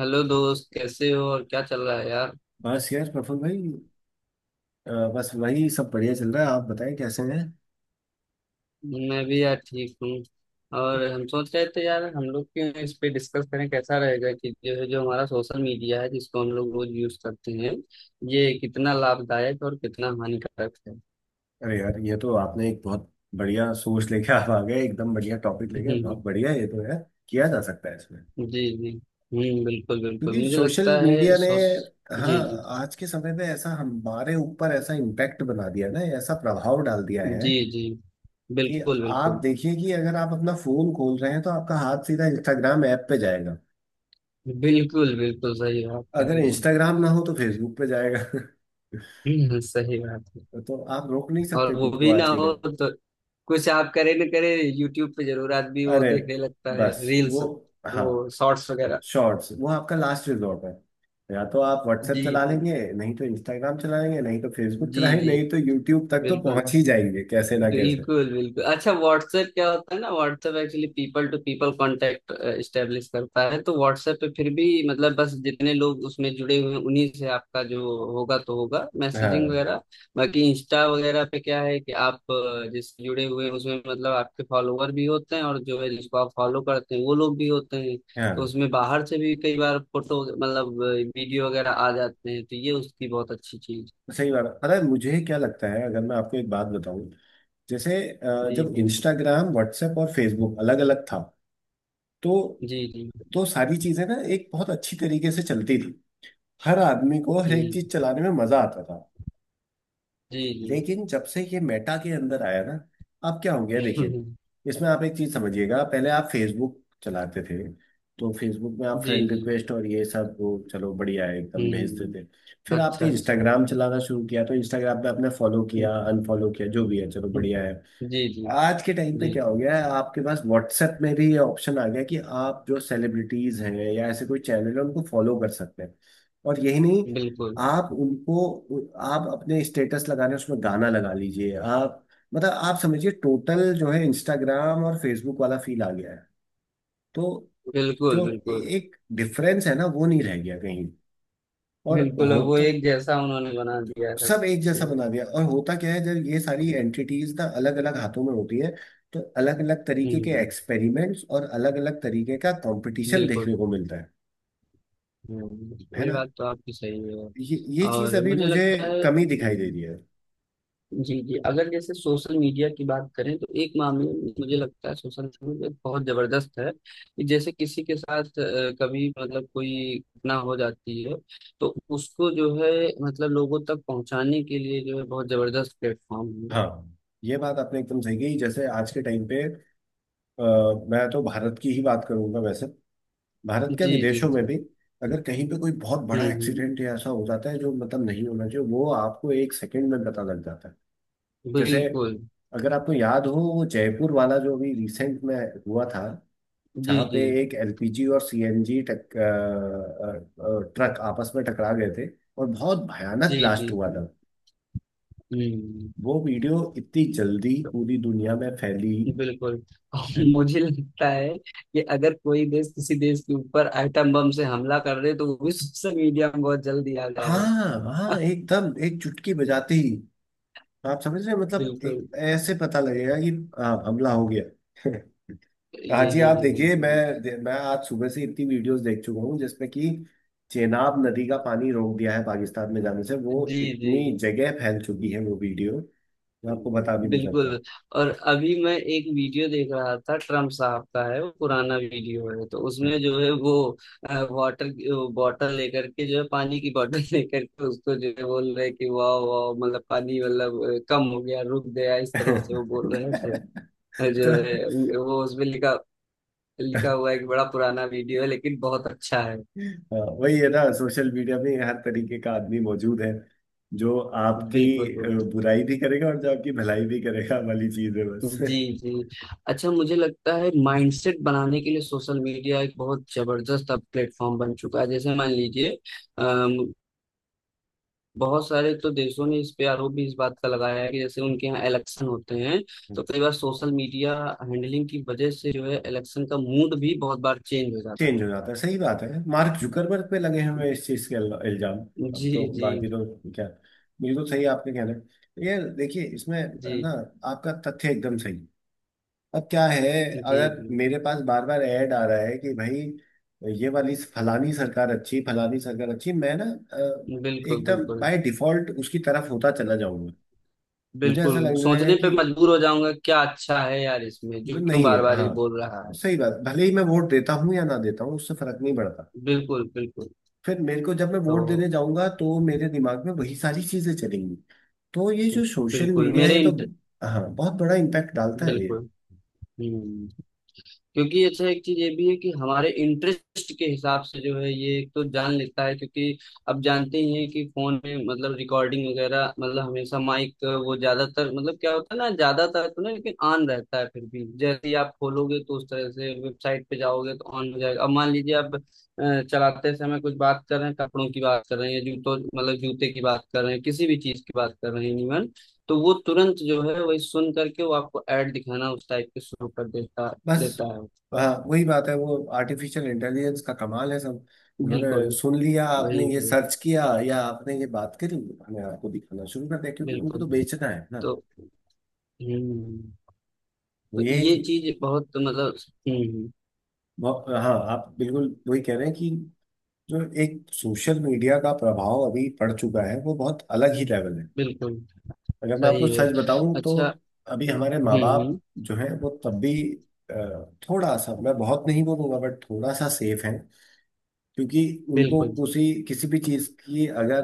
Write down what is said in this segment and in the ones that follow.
Hello दोस्त, कैसे हो और क्या चल रहा है यार। बस यार प्रफुल भाई। बस वही सब बढ़िया चल रहा है। आप बताएं कैसे हैं? मैं भी यार ठीक हूँ। और हम सोच रहे थे यार, हम लोग क्यों इस पे डिस्कस करें, कैसा रहेगा कि जो है जो हमारा सोशल मीडिया है, जिसको हम लोग रोज यूज करते हैं, ये कितना लाभदायक और कितना हानिकारक है। अरे यार, ये तो आपने एक बहुत बढ़िया सोच लेके आप आ गए। एकदम बढ़िया टॉपिक लेके, हम्म, बहुत हम्म। बढ़िया है ये तो यार, किया जा सकता है इसमें। जी जी। बिल्कुल बिल्कुल, क्योंकि मुझे सोशल लगता है मीडिया ने, सोश हाँ, जी आज के समय में ऐसा हमारे ऊपर ऐसा इम्पैक्ट बना दिया ना, ऐसा प्रभाव डाल दिया जी है जी। जी कि बिल्कुल आप बिल्कुल। देखिए कि अगर आप अपना फोन खोल रहे हैं तो आपका हाथ सीधा इंस्टाग्राम ऐप पे जाएगा। बिल्कुल बिल्कुल सही बात कह अगर रही हैं। इंस्टाग्राम ना हो तो फेसबुक पे जाएगा। सही बात है। तो आप रोक नहीं सकते और वो खुद को भी ना आज के हो डेट। तो कुछ आप करे न करे, यूट्यूब पे जरूर आदमी वो अरे, देखने लगता है बस रील्स, वो, हाँ, वो शॉर्ट्स वगैरह। शॉर्ट्स वो आपका लास्ट रिजॉर्ट है। या तो आप व्हाट्सएप जी चला जी लेंगे, नहीं तो इंस्टाग्राम चला लेंगे, नहीं तो फेसबुक जी चलाएंगे, जी। नहीं तो यूट्यूब तक तो बिल्कुल। पहुंच ही जाएंगे कैसे ना कैसे। बिल्कुल बिल्कुल। अच्छा, व्हाट्सएप क्या होता है ना, WhatsApp actually people to people contact establish करता है, तो व्हाट्सएप पे फिर भी मतलब बस जितने लोग उसमें जुड़े हुए हैं उन्हीं से आपका जो होगा तो होगा, मैसेजिंग हाँ वगैरह। बाकी इंस्टा वगैरह पे क्या है कि आप जिससे जुड़े हुए हैं उसमें मतलब आपके फॉलोवर भी होते हैं, और जो है जिसको आप फॉलो करते हैं वो लोग भी होते हैं, तो हाँ, उसमें बाहर से भी कई बार फोटो, मतलब वीडियो वगैरह आ जाते हैं, तो ये उसकी बहुत अच्छी चीज। सही बात है। पता है मुझे क्या लगता है, अगर मैं आपको एक बात बताऊं, जैसे जी जब जी इंस्टाग्राम, व्हाट्सएप और फेसबुक अलग अलग था, तो जी जी सारी चीजें ना एक बहुत अच्छी तरीके से चलती थी। हर आदमी को हर एक जी चीज चलाने में मजा आता था। जी लेकिन जब से ये मेटा के अंदर आया ना, अब क्या हो गया देखिए। जी इसमें आप एक चीज समझिएगा, पहले आप फेसबुक चलाते थे तो फेसबुक में आप जी, फ्रेंड जी। रिक्वेस्ट और ये सब वो, चलो बढ़िया है, एकदम भेजते हुँ, थे। फिर अच्छा, आपने अच्छा। इंस्टाग्राम चलाना शुरू किया तो इंस्टाग्राम पे आपने फॉलो हुँ, किया, अनफॉलो किया, जो भी है, चलो हुँ। बढ़िया है। जी, जी। आज के टाइम पे जी, क्या हो जी। गया है, आपके पास व्हाट्सएप में भी ये ऑप्शन आ गया है कि आप जो सेलिब्रिटीज हैं या ऐसे कोई चैनल है उनको फॉलो कर सकते हैं। और यही नहीं, बिल्कुल, आप उनको आप अपने स्टेटस लगाने उसमें गाना लगा लीजिए आप। मतलब आप समझिए, टोटल जो है इंस्टाग्राम और फेसबुक वाला फील आ गया है। तो बिल्कुल, जो बिल्कुल। एक डिफरेंस है ना, वो नहीं रह गया कहीं। और बिल्कुल, अब वो होता, एक जैसा उन्होंने बना दिया है, सब सबसे एक अच्छी जैसा बना बात। दिया, और होता क्या है, जब ये सारी एंटिटीज ना अलग अलग हाथों में होती है तो अलग अलग तरीके के हुँ, एक्सपेरिमेंट्स और अलग अलग तरीके का कंपटीशन बिल्कुल। देखने को मिलता है हुँ, है ये ना। बात तो आपकी सही है। ये चीज और अभी मुझे मुझे लगता है कमी दिखाई दे हुँ। रही है। जी जी, अगर जैसे सोशल मीडिया की बात करें तो एक मामले में मुझे लगता है सोशल मीडिया बहुत जबरदस्त है कि जैसे किसी के साथ कभी मतलब कोई घटना हो जाती है, तो उसको जो है मतलब लोगों तक पहुंचाने के लिए जो है बहुत जबरदस्त प्लेटफॉर्म है। हाँ, ये बात आपने एकदम सही कही, जैसे आज के टाइम पे अ, मैं तो भारत की ही बात करूंगा, वैसे भारत क्या, जी जी विदेशों में जी। भी, अगर कहीं पे कोई बहुत बड़ा हम्म। एक्सीडेंट या ऐसा हो जाता है जो मतलब नहीं होना चाहिए, वो आपको एक सेकंड में पता लग जाता है। जैसे बिल्कुल। अगर आपको याद हो वो जयपुर वाला जो भी रिसेंट में हुआ था, जी जहाँ पे जी एक एलपीजी और सीएनजी टक अ, अ, अ, ट्रक आपस में टकरा गए थे और बहुत भयानक जी जी ब्लास्ट हुआ जी। था। हम्म। वो वीडियो इतनी जल्दी पूरी दुनिया में फैली बिल्कुल और है। मुझे लगता है कि अगर कोई देश किसी देश के ऊपर आइटम बम से हमला कर दे, तो वो भी सोशल मीडिया में बहुत जल्दी आ जाएगा। हाँ हाँ, एकदम एक चुटकी बजाते ही। आप समझ रहे हैं? मतलब बिल्कुल। एक ऐसे पता लगेगा कि हाँ, हमला हो गया। यही हाँ जी, आप यही देखिए, यही। मैं आज सुबह से इतनी वीडियोस देख चुका हूँ जिसमें कि चेनाब नदी का पानी रोक दिया है पाकिस्तान में जाने से, वो जी जी। इतनी जगह फैल चुकी है वो वीडियो, मैं आपको बता भी नहीं सकता। बिल्कुल। और अभी मैं एक वीडियो देख रहा था, ट्रम्प साहब का है, वो पुराना वीडियो है, तो उसमें जो है वो वाटर बॉटल लेकर के, जो है, पानी की बॉटल लेकर के उसको जो है बोल रहे हैं कि वाह वाह, मतलब पानी मतलब कम हो गया, रुक गया, इस तरह से वो बोल रहे थे। तो जो है वो उसमें लिखा लिखा हुआ है कि बड़ा पुराना वीडियो है, लेकिन बहुत अच्छा है। हाँ, वही है ना, सोशल मीडिया में हर तरीके का आदमी मौजूद है जो आपकी बिल्कुल अ, बिल्कुल। बुराई भी करेगा और जो आपकी भलाई भी करेगा, वाली चीज है बस। जी जी। अच्छा, मुझे लगता है माइंडसेट बनाने के लिए सोशल मीडिया एक बहुत जबरदस्त अब प्लेटफॉर्म बन चुका है, जैसे मान लीजिए अम, बहुत सारे तो देशों ने इस पे आरोप भी इस बात का लगाया है कि जैसे उनके यहाँ इलेक्शन होते हैं, तो कई बार सोशल मीडिया हैंडलिंग की वजह से जो है इलेक्शन का मूड भी बहुत बार चेंज हो जाता चेंज है। हो जाता है, सही बात है। मार्क जुकरबर्ग पे लगे हुए हैं इस चीज के इल्जाम। अब जी तो जी बाकी तो क्या, बिल्कुल सही आपके कहना है, ये देखिए इसमें है ना, जी आपका तथ्य एकदम सही। अब क्या है, जी अगर जी। मेरे पास बार बार ऐड आ रहा है कि भाई ये वाली फलानी सरकार अच्छी, फलानी सरकार अच्छी, मैं ना बिल्कुल एकदम बिल्कुल। बाय डिफॉल्ट उसकी तरफ होता चला जाऊंगा। मुझे बिल्कुल ऐसा लगने लगेगा सोचने पे कि मजबूर हो जाऊंगा, क्या अच्छा है यार इसमें, जो क्यों नहीं, है बार बार ही हाँ, बोल रहा है। सही बात, भले ही मैं वोट देता हूँ या ना देता हूँ उससे फर्क नहीं पड़ता। बिल्कुल बिल्कुल। फिर मेरे को जब मैं वोट तो देने जाऊंगा तो मेरे दिमाग में वही सारी चीजें चलेंगी। तो ये जो सोशल बिल्कुल मीडिया है, मेरे तो इंट हाँ, बहुत बड़ा इम्पैक्ट डालता है ये। बिल्कुल। हम्म क्योंकि अच्छा एक चीज ये भी है कि हमारे इंटरेस्ट के हिसाब से जो है ये एक तो जान लेता है, क्योंकि अब जानते ही हैं कि फोन में मतलब रिकॉर्डिंग वगैरह, मतलब हमेशा माइक वो ज्यादातर, मतलब क्या होता है ना, ज्यादातर तो नहीं लेकिन ऑन रहता है, फिर भी जैसे ही आप खोलोगे तो उस तरह से वेबसाइट पे जाओगे तो ऑन हो जाएगा, अब मान लीजिए आप चलाते समय कुछ बात कर रहे हैं, कपड़ों की बात कर रहे हैं या जूतों मतलब जूते की बात कर रहे हैं, किसी भी चीज की बात कर रहे हैं इवन, तो वो तुरंत जो है वही सुन करके वो आपको ऐड दिखाना उस टाइप के शुरू कर देता बस, देता है। हाँ, वही बात है। वो आर्टिफिशियल इंटेलिजेंस का कमाल है सब। उन्होंने बिल्कुल, सुन लिया, आपने वही ये वही, सर्च किया या आपने ये बात करी, उन्होंने आपको दिखाना शुरू कर दिया क्योंकि उनको बिल्कुल। तो बेचना है ना। तो हम्म, तो तो ये ये चीज़ बहुत मतलब हम्म, हाँ, आप बिल्कुल वही कह रहे हैं कि जो एक सोशल मीडिया का प्रभाव अभी पड़ चुका है वो बहुत अलग ही लेवल है, बिल्कुल अगर मैं सही आपको है। सच बताऊं तो। अच्छा, अभी हमारे माँ हम्म बाप हम्म, जो है, वो तब भी अ, थोड़ा सा, मैं बहुत नहीं बोलूंगा बट थोड़ा सा सेफ है, क्योंकि उनको बिल्कुल, किसी किसी भी चीज की अगर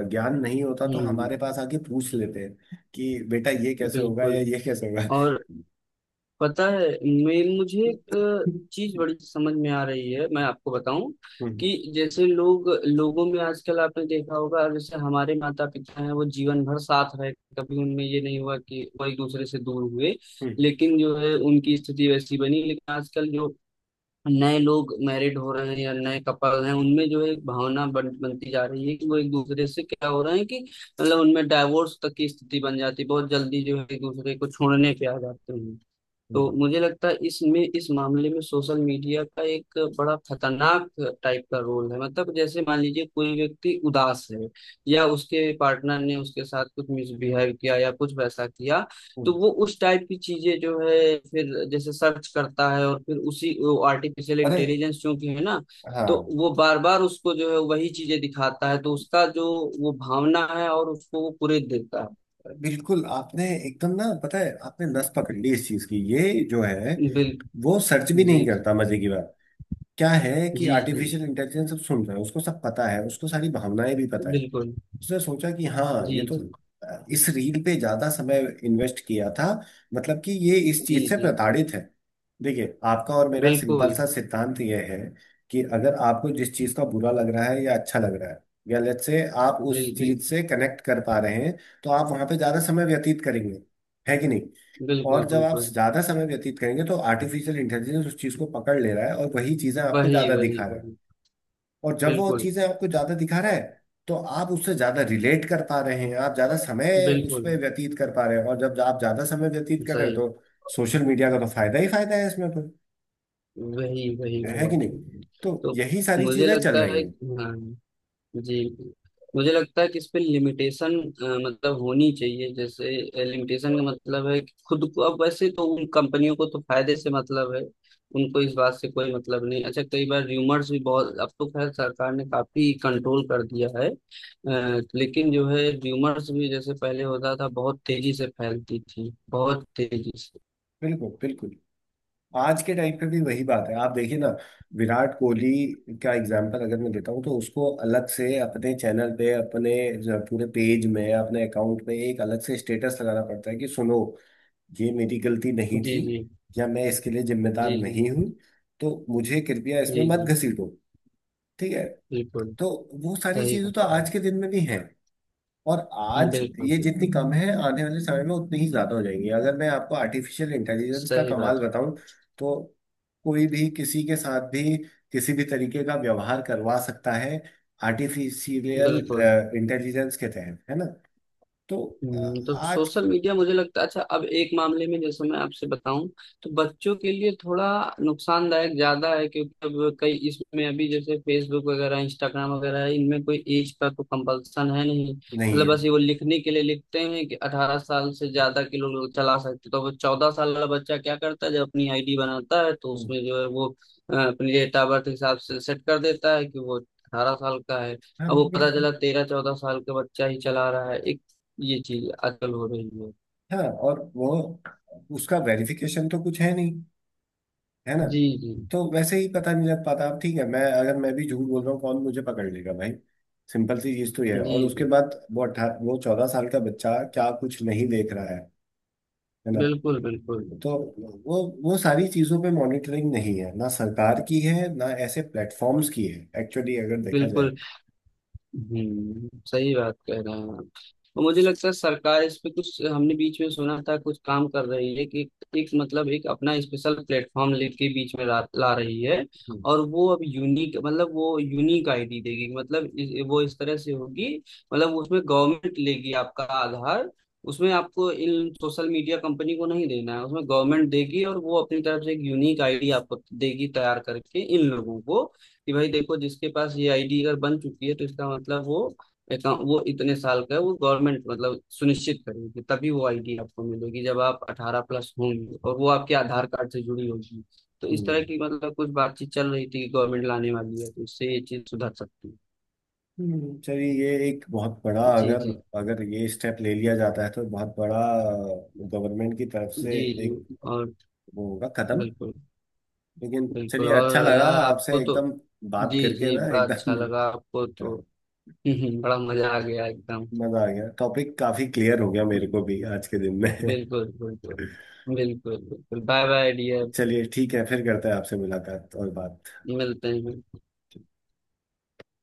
ज्ञान नहीं होता तो हम्म, हमारे पास आके पूछ लेते हैं कि बेटा ये कैसे होगा या बिल्कुल। ये कैसे होगा। और पता है, मैं मुझे एक चीज़ हम्म, बड़ी समझ में आ रही है, मैं आपको बताऊं कि जैसे लोग लोगों में आजकल आपने देखा होगा, जैसे हमारे माता पिता हैं, वो जीवन भर साथ रहे, कभी उनमें ये नहीं हुआ कि वो एक दूसरे से दूर हुए। हम्म, लेकिन जो है उनकी स्थिति वैसी बनी, लेकिन आजकल जो नए लोग मैरिड हो रहे हैं या नए कपल हैं, उनमें जो है एक भावना बनती जा रही है कि वो एक दूसरे से क्या हो रहे हैं कि, मतलब उनमें डाइवोर्स तक की स्थिति बन जाती है, बहुत जल्दी जो है एक दूसरे को छोड़ने पे आ जाते हैं। तो हम्म, मुझे लगता है इसमें इस मामले में सोशल मीडिया का एक बड़ा खतरनाक टाइप का रोल है, मतलब जैसे मान लीजिए कोई व्यक्ति उदास है, या उसके पार्टनर ने उसके साथ कुछ मिसबिहेव किया या कुछ वैसा किया, तो हम्म। वो उस टाइप की चीजें जो है फिर जैसे सर्च करता है, और फिर उसी आर्टिफिशियल अरे इंटेलिजेंस चूंकि है ना, तो हाँ, वो बार बार उसको जो है वही चीजें दिखाता है, तो उसका जो वो भावना है और उसको वो पूरे देता बिल्कुल! आपने एकदम ना, पता है, आपने नस पकड़ ली इस चीज की। ये जो है, है बिल वो सर्च भी जी नहीं करता, मजे की बात क्या है, कि जी जी। आर्टिफिशियल इंटेलिजेंस सब सुन रहा है, उसको सब पता है, उसको सारी भावनाएं भी पता है। बिल्कुल। उसने सोचा कि हाँ ये जी तो जी इस रील पे ज्यादा समय इन्वेस्ट किया था, मतलब कि ये इस जी चीज से जी। प्रताड़ित है। देखिए, आपका और मेरा सिंपल बिल्कुल। सा सिद्धांत यह है कि अगर आपको जिस चीज का बुरा लग रहा है या अच्छा लग रहा है या लेट्स से आप जी उस चीज से कनेक्ट कर पा रहे हैं, तो आप वहां पे ज्यादा समय व्यतीत करेंगे, है कि नहीं। और बिल्कुल जब आप बिल्कुल। ज्यादा समय व्यतीत करेंगे तो आर्टिफिशियल इंटेलिजेंस उस चीज को पकड़ ले रहा है, और वही चीजें आपको वही ज्यादा वही दिखा रहा है। वही। और जब वो बिल्कुल चीजें आपको ज्यादा दिखा रहा है, तो आप उससे ज्यादा रिलेट कर पा रहे हैं, आप ज्यादा समय उस बिल्कुल पर व्यतीत कर पा रहे हैं, और जब आप ज्यादा समय व्यतीत कर रहे हैं, सही। तो सोशल मीडिया का तो फायदा ही फायदा है इसमें तो, वही वही है वही। कि नहीं। तो तो यही सारी मुझे चीजें चल लगता रही है। हैं। हाँ। जी। मुझे लगता है कि इस पे लिमिटेशन मतलब होनी चाहिए, जैसे लिमिटेशन का मतलब है कि खुद को अब, वैसे तो उन कंपनियों को तो फायदे से मतलब है, उनको इस बात से कोई मतलब नहीं। अच्छा, कई बार र्यूमर्स भी बहुत, अब तो खैर सरकार ने काफी कंट्रोल कर दिया है, लेकिन जो है र्यूमर्स भी जैसे पहले होता था बहुत तेजी से फैलती थी, बहुत तेजी से। बिल्कुल बिल्कुल, आज के टाइम पे भी वही बात है, आप देखिए ना। विराट कोहली का एग्जांपल अगर मैं देता हूँ, तो उसको अलग से अपने चैनल पे, अपने जो पूरे पेज में, अपने अकाउंट पे एक अलग से स्टेटस लगाना पड़ता है कि सुनो, ये मेरी गलती नहीं जी थी, जी या मैं इसके लिए जिम्मेदार जी जी नहीं हूँ, तो मुझे कृपया इसमें जी मत जी। घसीटो, ठीक है। बिल्कुल तो वो सारी सही। चीजें तो आज के दिन में भी हैं। और आज बिल्कुल ये जितनी बिल्कुल कम है, आने वाले समय में उतनी ही ज्यादा हो जाएंगी, अगर मैं आपको आर्टिफिशियल इंटेलिजेंस का सही कमाल बात है। बताऊं तो। कोई भी किसी के साथ भी किसी भी तरीके का व्यवहार करवा सकता है आर्टिफिशियल बिल्कुल। इंटेलिजेंस के तहत, है ना। तो अ, तो आज सोशल की- मीडिया मुझे लगता है, अच्छा अब एक मामले में जैसे मैं आपसे बताऊं, तो बच्चों के लिए थोड़ा नुकसानदायक ज्यादा है, क्योंकि अब कई इसमें अभी जैसे फेसबुक वगैरह इंस्टाग्राम वगैरह है, इनमें कोई एज का तो कंपल्सन है नहीं, नहीं मतलब है। बस ये वो लिखने के लिए लिखते हैं कि 18 साल से ज्यादा के लोग चला सकते, तो वो 14 साल वाला बच्चा क्या करता है जब अपनी आईडी बनाता है तो हम्म, उसमें जो है वो अपने डेट ऑफ बर्थ के हिसाब से सेट कर देता है कि वो 18 साल का है। हाँ अब वो पता बिल्कुल। चला 13-14 साल का बच्चा ही चला रहा है, एक ये चीज अकल हो रही है। हाँ, और वो, उसका वेरिफिकेशन तो कुछ है नहीं, है ना। जी जी तो वैसे ही पता नहीं लग पाता, अब ठीक है, मैं अगर मैं भी झूठ बोल रहा हूँ, कौन मुझे पकड़ लेगा भाई। सिंपल सी चीज तो ये है। जी और उसके जी। बाद वो 18, वो 14 साल का बच्चा क्या कुछ नहीं देख रहा है ना। बिल्कुल बिल्कुल। तो वो सारी चीजों पे मॉनिटरिंग नहीं है ना, सरकार की है ना ऐसे प्लेटफॉर्म्स की है, एक्चुअली अगर देखा जाए। बिल्कुल। सही बात कह रहे हैं आप। और मुझे लगता है सरकार इस पे, कुछ हमने बीच में सुना था कुछ काम कर रही है कि एक मतलब एक अपना स्पेशल प्लेटफॉर्म लेके बीच में ला रही है, हम्म, और वो अब यूनिक मतलब वो यूनिक आईडी देगी, मतलब वो इस तरह से होगी, मतलब उसमें गवर्नमेंट लेगी आपका आधार, उसमें आपको इन सोशल मीडिया कंपनी को नहीं देना है, उसमें गवर्नमेंट देगी और वो अपनी तरफ से एक यूनिक आईडी आपको देगी तैयार करके इन लोगों को, कि भाई देखो जिसके पास ये आईडी अगर बन चुकी है तो इसका मतलब वो अकाउंट वो इतने साल का है, वो गवर्नमेंट मतलब सुनिश्चित करेगी तभी वो आईडी आपको मिलेगी जब आप 18 प्लस होंगे और वो आपके आधार कार्ड से जुड़ी होगी, तो इस तरह हम्म, की मतलब कुछ बातचीत चल रही थी कि गवर्नमेंट लाने वाली है, तो इससे ये चीज सुधर सकती है। चलिए, ये एक बहुत बड़ा, जी अगर जी अगर ये स्टेप ले लिया जाता है तो बहुत बड़ा, गवर्नमेंट की तरफ से जी जी। एक और वो होगा कदम। बिल्कुल लेकिन बिल्कुल। चलिए, अच्छा और लगा यार आपसे आपको तो एकदम बात जी करके जी, ना, बड़ा अच्छा एकदम। लगा आपको हाँ, तो। बड़ा मजा आ गया एकदम। मजा आ गया। टॉपिक काफी क्लियर हो गया मेरे को भी आज के दिन में। बिल्कुल बिल्कुल। बिल्कुल बिल्कुल। Bye bye dear. चलिए, ठीक है, फिर करते हैं आपसे मुलाकात और बात। मिलते हैं।